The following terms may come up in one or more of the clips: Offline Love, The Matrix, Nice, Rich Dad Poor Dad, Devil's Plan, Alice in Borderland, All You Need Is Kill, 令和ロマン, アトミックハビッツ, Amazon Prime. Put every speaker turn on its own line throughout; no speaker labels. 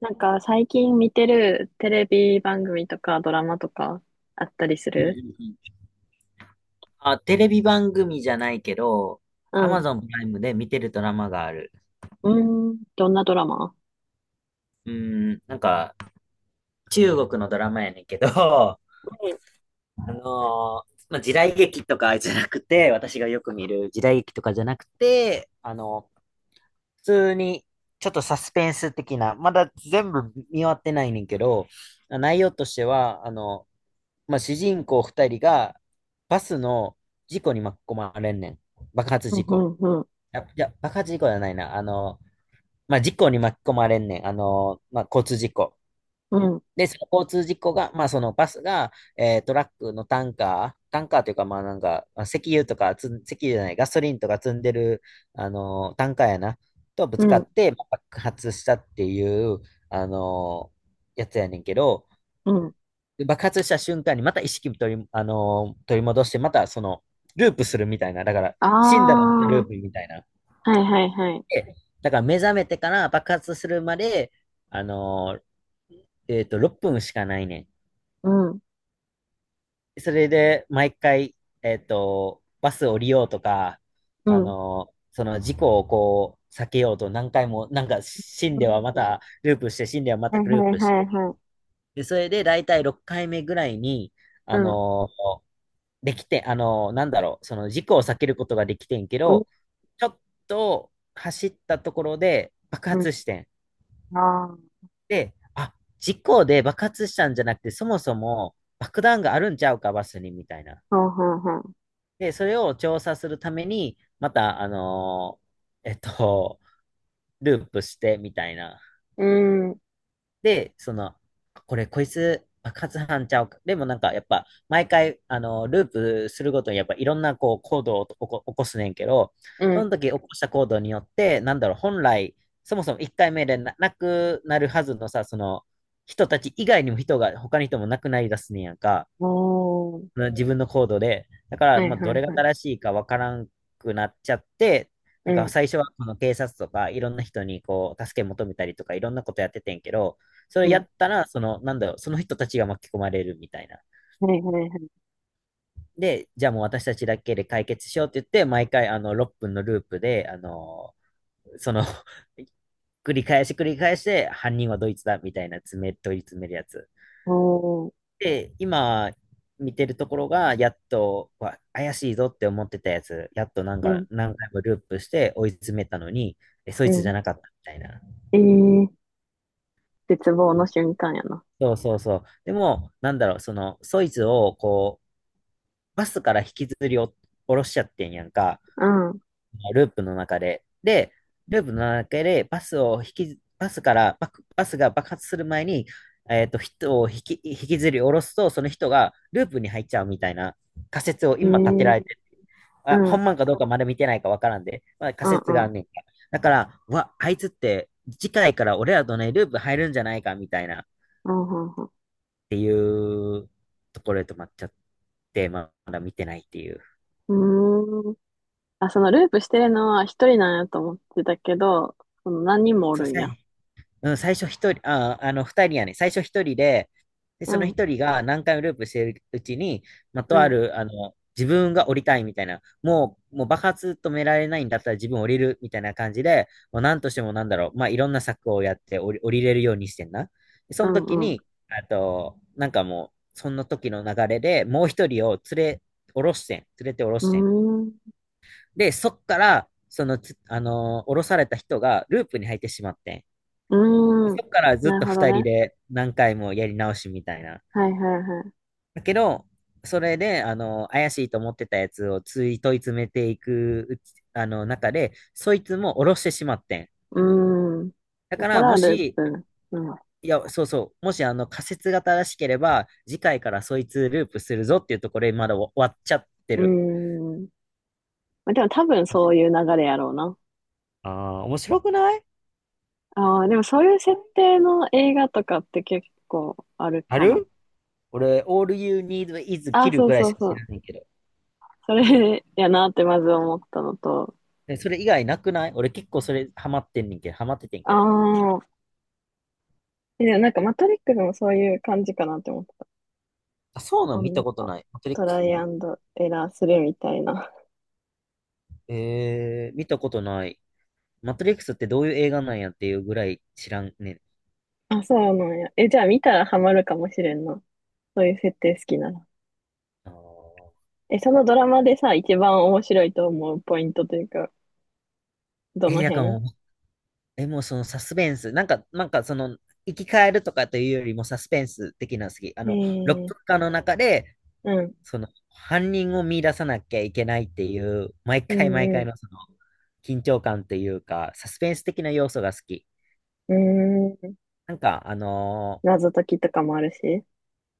なんか最近見てるテレビ番組とかドラマとかあったりす
うん
る？
うんうん。あ、テレビ番組じゃないけど、
うん。
Amazon プライムで見てるドラマがある。
うーん。どんなドラマ？
うーん、なんか、中国のドラマやねんけど、
うん、
時代劇とかじゃなくて、私がよく見る時代劇とかじゃなくて、普通に、ちょっとサスペンス的な、まだ全部見終わってないねんけど、内容としては、まあ、主人公二人がバスの事故に巻き込まれんねん。爆発
う
事故。
ん、うん、
いや、爆発事故じゃないな。まあ、事故に巻き込まれんねん。まあ、交通事故。
うん、うん。
で、その交通事故が、まあ、そのバスが、トラックのタンカー、タンカーというか、まあ、なんか、まあ石油とかつん、石油じゃない、ガソリンとか積んでる、タンカーやな、とぶ
う
つか
ん、
って、まあ爆発したっていう、あの、やつやねんけど、
うん。
で爆発した瞬間にまた意識取り、あの、取り戻して、またその、ループするみたいな。だから、死んだらまたルー
あ
プみたいな。
あ、はいはいはい。
でだから目覚めてから爆発するまで、あの6分しかないね
うん、
ん。それで、毎回、バス降りようとか、
うん。
その事故をこう、避けようと何回も、なんか死ん
う
ではま
ん。
たループして、死んではまた
はい
ルー
はい
プし
は
て。
いはい。
で、それで大体6回目ぐらいに、あ
うん、
のーできて、なんだろう、その事故を避けることができてんけ
うん、
ど、ちょっと走ったところで爆
うん。
発してん。
ああ、
で、あ、事故で爆発したんじゃなくて、そもそも爆弾があるんちゃうか、バスに、みたいな。
ほうほうほう。
で、それを調査するために、また、ーえっと、ループして、みたいな。
うん、
で、その、こいつ、爆発犯ちゃうか。でもなんか、やっぱ、毎回、あの、ループするごとに、やっぱ、いろんな、こう、行動を起こ、起こすねんけど、
う
そ
ん。
の時起こした行動によって、なんだろう、本来、そもそも1回目でなくなるはずのさ、その、人たち以外にも人が、他の人もなくなりだすねんやんか。
おー。
うん自分のコードで。だから、
はい
まあ、ど
は
れ
い
が
はい。
正しいかわからんくなっちゃって、
う
なんか
ん、
最初はこの警察とかいろんな人にこう助け求めたりとかいろんなことやっててんけど、そ
う
れや
ん。
ったら、その、なんだろう、その人たちが巻き込まれるみたいな。
はいはいはい。
で、じゃあもう私たちだけで解決しようって言って、毎回あの6分のループで、その 繰り返し繰り返して、犯人はドイツだみたいな問い詰めるやつ。
おー。
で、今見てるところが、やっと、怪しいぞって思ってたやつ、やっとなん
う
か
ん、
何回もループして追い詰めたのに、え、そ
う
いつじゃ
ん。
なかったみたいな。
ええー、絶望の瞬間やな。
そうそうそう。でも、なんだろう、その、そいつをこう、バスから引きずりお下ろしちゃってんやんか。
うん、
ループの中で。で、ループの中でバスを引き、バスからバク、バスが爆発する前に、えっと、人を引き、引きずり下ろすと、その人がループに入っちゃうみたいな仮説を
ええ、
今立てら
う
れてる。あ、
ん、う
本
ん、
番かどうかまだ見てないかわからんで、まあ、仮
う
説があ
ん、
んねん。だから、うわ、あいつって次回から俺らとね、ループ入るんじゃないかみたいなっ
うん、うん。
ていうところで止まっちゃって、まあまだ見てないっていう。
うん、うーん。あ、そのループしてるのは一人なんやと思ってたけど、その何人もお
そう
る
で
ん
す
や。
ね。うん、最初一人、あ、あの、二人やね。最初一人で、で、
う
その
ん、
一人が何回もループしてるうちに、まあ、
う
とあ
ん、
る、自分が降りたいみたいな、もう爆発止められないんだったら自分降りるみたいな感じで、もう何としてもなんだろう、まあ、いろんな策をやって降りれるようにしてんな。で
う
その
ん、
時
うん。
に、あと、なんかもう、その時の流れでもう一人を連れ、降ろしてん。連れて降ろ
うー
してん。
ん、
で、そっから、そのつ、あのー降ろされた人がループに入ってしまってん。
う
で
ーん。
そっからずっ
なる
と
ほど
二人
ね。
で何回もやり直しみたいな。
はい、はい、はい。
だけど、それで、あの、怪しいと思ってたやつをつい問い詰めていくうち、中で、そいつも下ろしてしまってん。
うーん。
だ
だ
か
か
ら、も
らルー
し、
プ。うん。
いや、そうそう、もし、あの、仮説が正しければ、次回からそいつループするぞっていうところで、まだ終わっちゃって
うー
る。
ん。まあ、でも多分そういう流れやろうな。
ああ、面白くない
ああ、でもそういう設定の映画とかって結構ある
あ
かも。
る俺、all you need is
あ、
kill
そう
ぐらい
そ
し
う
か
そ
知
う。
らないけど。
それやなってまず思ったのと、
でそれ以外なくない俺結構それハマってんねんけど、ハマっててん
あ
けど。
あ、で、なんかマトリックスもそういう感じかなって思ってた。
あ、そうなの
あ
見た
ん
こと
あ
ない。マトリ
ト
ックス
ライア
も
ンドエラーするみたいな。
えー、見たことない。マトリックスってどういう映画なんやっていうぐらい知らんねん。
あ、そうなんや。え、じゃあ見たらハマるかもしれんな。そういう設定好きなら。
あー
え、そのドラマでさ、一番面白いと思うポイントというか、ど
え、
の
なんか
辺？
もう、え、もうそのサスペンス、なんかその、生き返るとかというよりもサスペンス的なの好き。あの、6
え
分
え、
間の中で、
うん、
その、犯人を見出さなきゃいけないっていう、毎
う
回毎
ん、
回
う
のその、緊張感というか、サスペンス的な要素が好き。
ん。うーん、
なんか、あの
謎解きとかもあるし。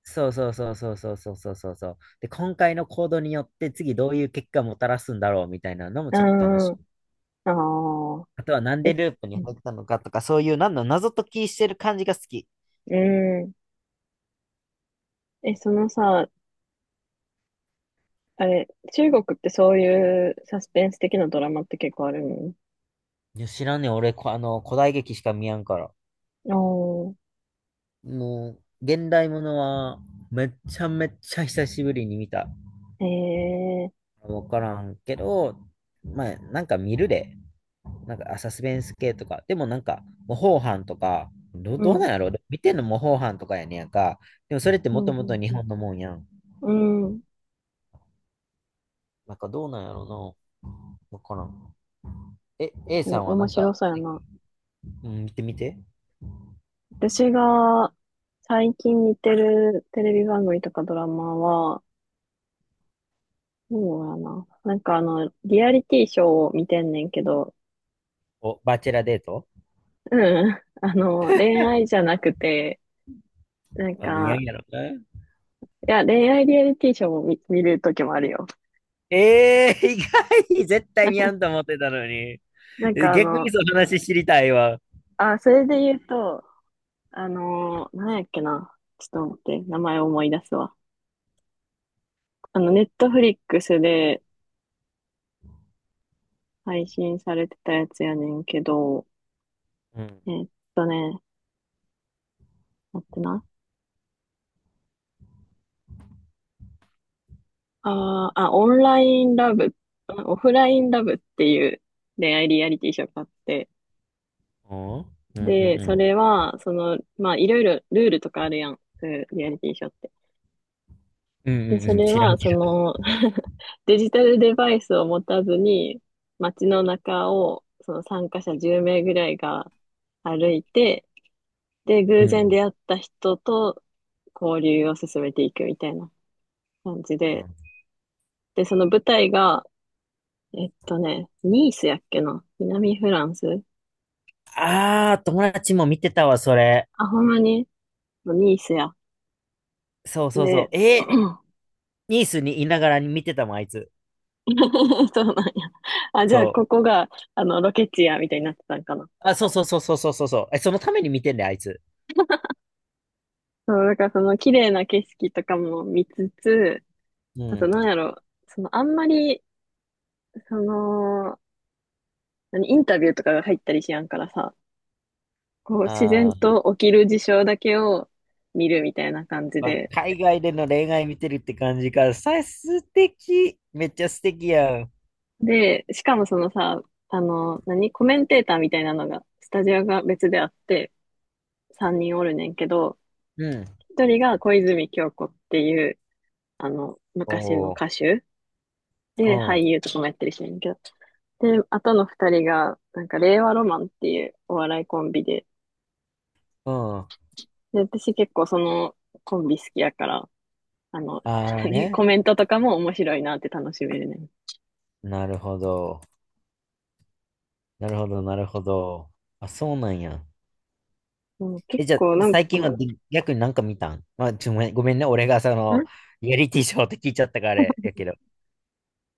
そうそうそうそうそうそうそうそうそう。で、今回の行動によって次どういう結果をもたらすんだろうみたいなのも
う
ちょっと楽
ん、
しみ。
ああ、
あとはなん
え、
でループに
う
入
ん、
ったのかとか、そういうなんの謎解きしてる感じが好き。い
うん。え、そのさ、あれ、中国ってそういうサスペンス的なドラマって結構ある
や、知らんねん。俺、こあの、古代劇しか見やんから。
のお
もう、現代ものはめっちゃめっちゃ久しぶりに見た。
ー、へえ、
わからんけど、まあ、なんか見るで。なんか、あサスペンス系とか、でもなんか、模倣犯とか、
う
どうな
ん、
んやろ見てんの模倣犯とかやねんやんか。でもそれって
う
も
ん、
と
う
もと
ん、
日
う
本のもんやん。
ん。うん、う
なんかどうなんやろな。わからん。え、A
ん。
さんはな
面
ん
白
か、
そうやな。
うん、見てみて。
私が最近見てるテレビ番組とかドラマは、そうやな。なんかあの、リアリティショーを見てんねんけど、
お、バチェラデート
うん、あの、恋愛じゃなくて、なん
あ、見やん
か、
やろな。
いや、恋愛リアリティショーも見るときもあるよ。
えー、意外絶対見やんと思ってたのに。
なん
え
かあ
逆
の、
にその話知りたいわ。
あ、それで言うと、あのー、なんやっけな。ちょっと待って、名前思い出すわ。あの、ネットフリックスで配信されてたやつやねんけど、
うん。
えーっね、待ってな。あーあ、オンラインラブ、オフラインラブっていう恋愛リアリティショーがあって、
おうんうん
で、
う
そ
ん。
れは、その、まあ、いろいろルールとかあるやん。そういうリアリティショーっ
うん
で、
う
そ
んうん。
れ
知らん
は、
け
その デジタルデバイスを持たずに、街の中を、その参加者10名ぐらいが歩いて、で、
ど。
偶
うんう
然出会った人と交流を進めていくみたいな感じ
ん。う
で、
ん
で、その舞台が、ね、ニースやっけな、南フランス。
あー、友達も見てたわ、それ。
あ、ほんまにニースや。
そうそうそ
で、
う。え ーニースにいながらに見てたもん、あいつ。
そうなんや。あ、じゃあ、
そ
こ
う。
こが、あの、ロケ地や、みたいになってたんかな。
あ、そうそうそうそうそうそうそう。え、そのために見てんだよ、あいつ。
そう、だからその綺麗な景色とかも見つつ、
う
あと
ん。
なんやろ、そのあんまり、その、何、インタビューとかが入ったりしやんからさ、こう自
あ
然
ー、
と起きる事象だけを見るみたいな感じ
まあ、
で。
海外での恋愛見てるって感じか。さ、素敵。めっちゃ素敵やん。
で、しかもそのさ、あの、何、コメンテーターみたいなのが、スタジオが別であって、3人おるねんけど、
うん。
一人が小泉今日子っていう、あの、
お
昔の
お、
歌手で俳
う
優とかもやってる人やねんけど、で、あとの二人が、なんか、令和ロマンっていうお笑いコンビで、
ん、うん。
で、私結構そのコンビ好きやから、あの、
ああ ね。
コメントとかも面白いなって楽しめるね。
なるほど。なるほど、なるほど。あ、そうなんや。
もう結
え、じゃあ、
構なん
最近は
か、
で逆になんか見たんまあ、ちょ、ごめんごめんね。俺がそ
ん
の、リアリティショーって聞いちゃったからあれやけど。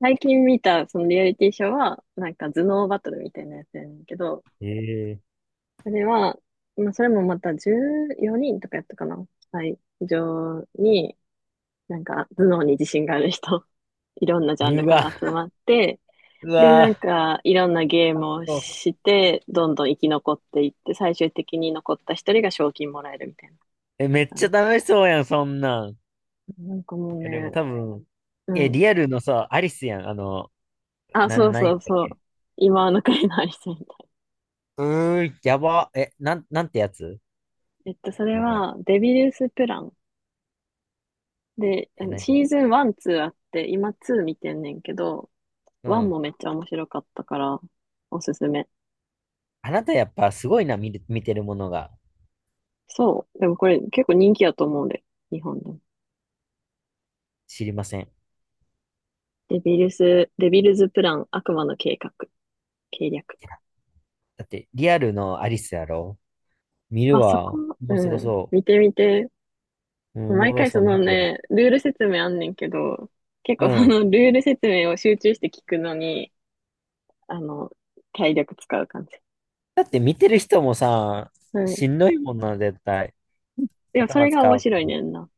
最近見たそのリアリティショーは、なんか頭脳バトルみたいなやつやねんけど、
ええ
それは、まあ、それもまた14人とかやったかな。はい。非常に、なんか頭脳に自信がある人、いろんなジャン
ー
ル
う
か
わ、
ら集まって、
う
で、なん
わ、
か、いろんなゲームをして、どんどん生き残っていって、最終的に残った一人が賞金もらえるみたいな
え、めっ
感
ちゃ
じ。
楽しそうやん、そんなん。い
なんかもう
や、でも
ね、
多分、
う
え、
ん。
リアルのさ、アリスやん、あの、
あ、そう
なん
そ
やっ
う
たっ
そう。
け、
今の国のアリスみたいな。
うー、やば。え、なんてやつ
それ
名前。
は、デビルスプラン。で、あ
え、
の
なに
シーズン1、2あって、今2見てんねんけど、
う
1
ん。
もめっちゃ面白かったから、おすすめ。
あなたやっぱすごいな、見てるものが
そう。でもこれ結構人気やと思うんで、日本でも。
知りません。い
デビルズプラン、悪魔の計画、計略。
や、だって、リアルのアリスやろ見
ま
る
あ、そ
わ。
こ、う
面白
ん、
そ
見てみて。
う。うん、おも
毎
ろ
回
そ
そ
う、見
の
るわ。
ね、ルール説明あんねんけど、結構そ
うん。
の ルール説明を集中して聞くのに、あの、体力使う感じ。
だって見てる人もさ、
うん。
しんどいもんな、絶対。
でもそ
頭
れが
使
面
う。
白いねんな。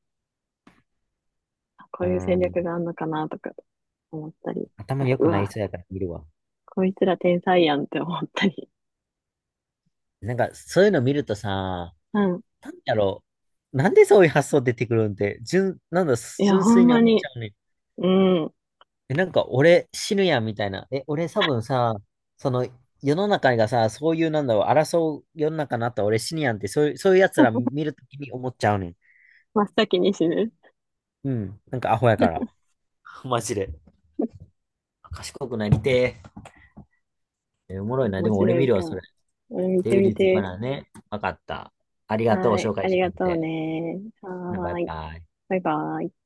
こ
う
ういう戦略
ん。
があんのかなとか思ったり。あ
頭良
と、う
くなり
わ、
そうやから見るわ。
こいつら天才やんって思ったり。
なんか、そういうの見るとさ、
うん。
なんだろう。なんでそういう発想出てくるんって、純、なんだ、
いや、
純
ほ
粋
ん
に
ま
思っち
に、
ゃうね。
うん。
え、なんか、俺死ぬやんみたいな。え、俺多分さ、その、世の中がさ、そういう、なんだろう、争う世の中になったら俺死ぬやんって、そういう奴ら見るときに思っちゃうねん。
真っ先に死ぬ。
うん。なんか、アホやから。マジで。賢くなりてえ。えおもろいな。
面
でも俺
白
見
い
る
か
わ、そ
ら。
れ。
うん、見
デ
て
ビ
み
リーズか
て。
らね。わかった。ありがとう、
は
紹
い。あ
介し
り
て
が
く
とう
れて。
ね。
バ
は
イ
ーい。
バイ。
バイバイ。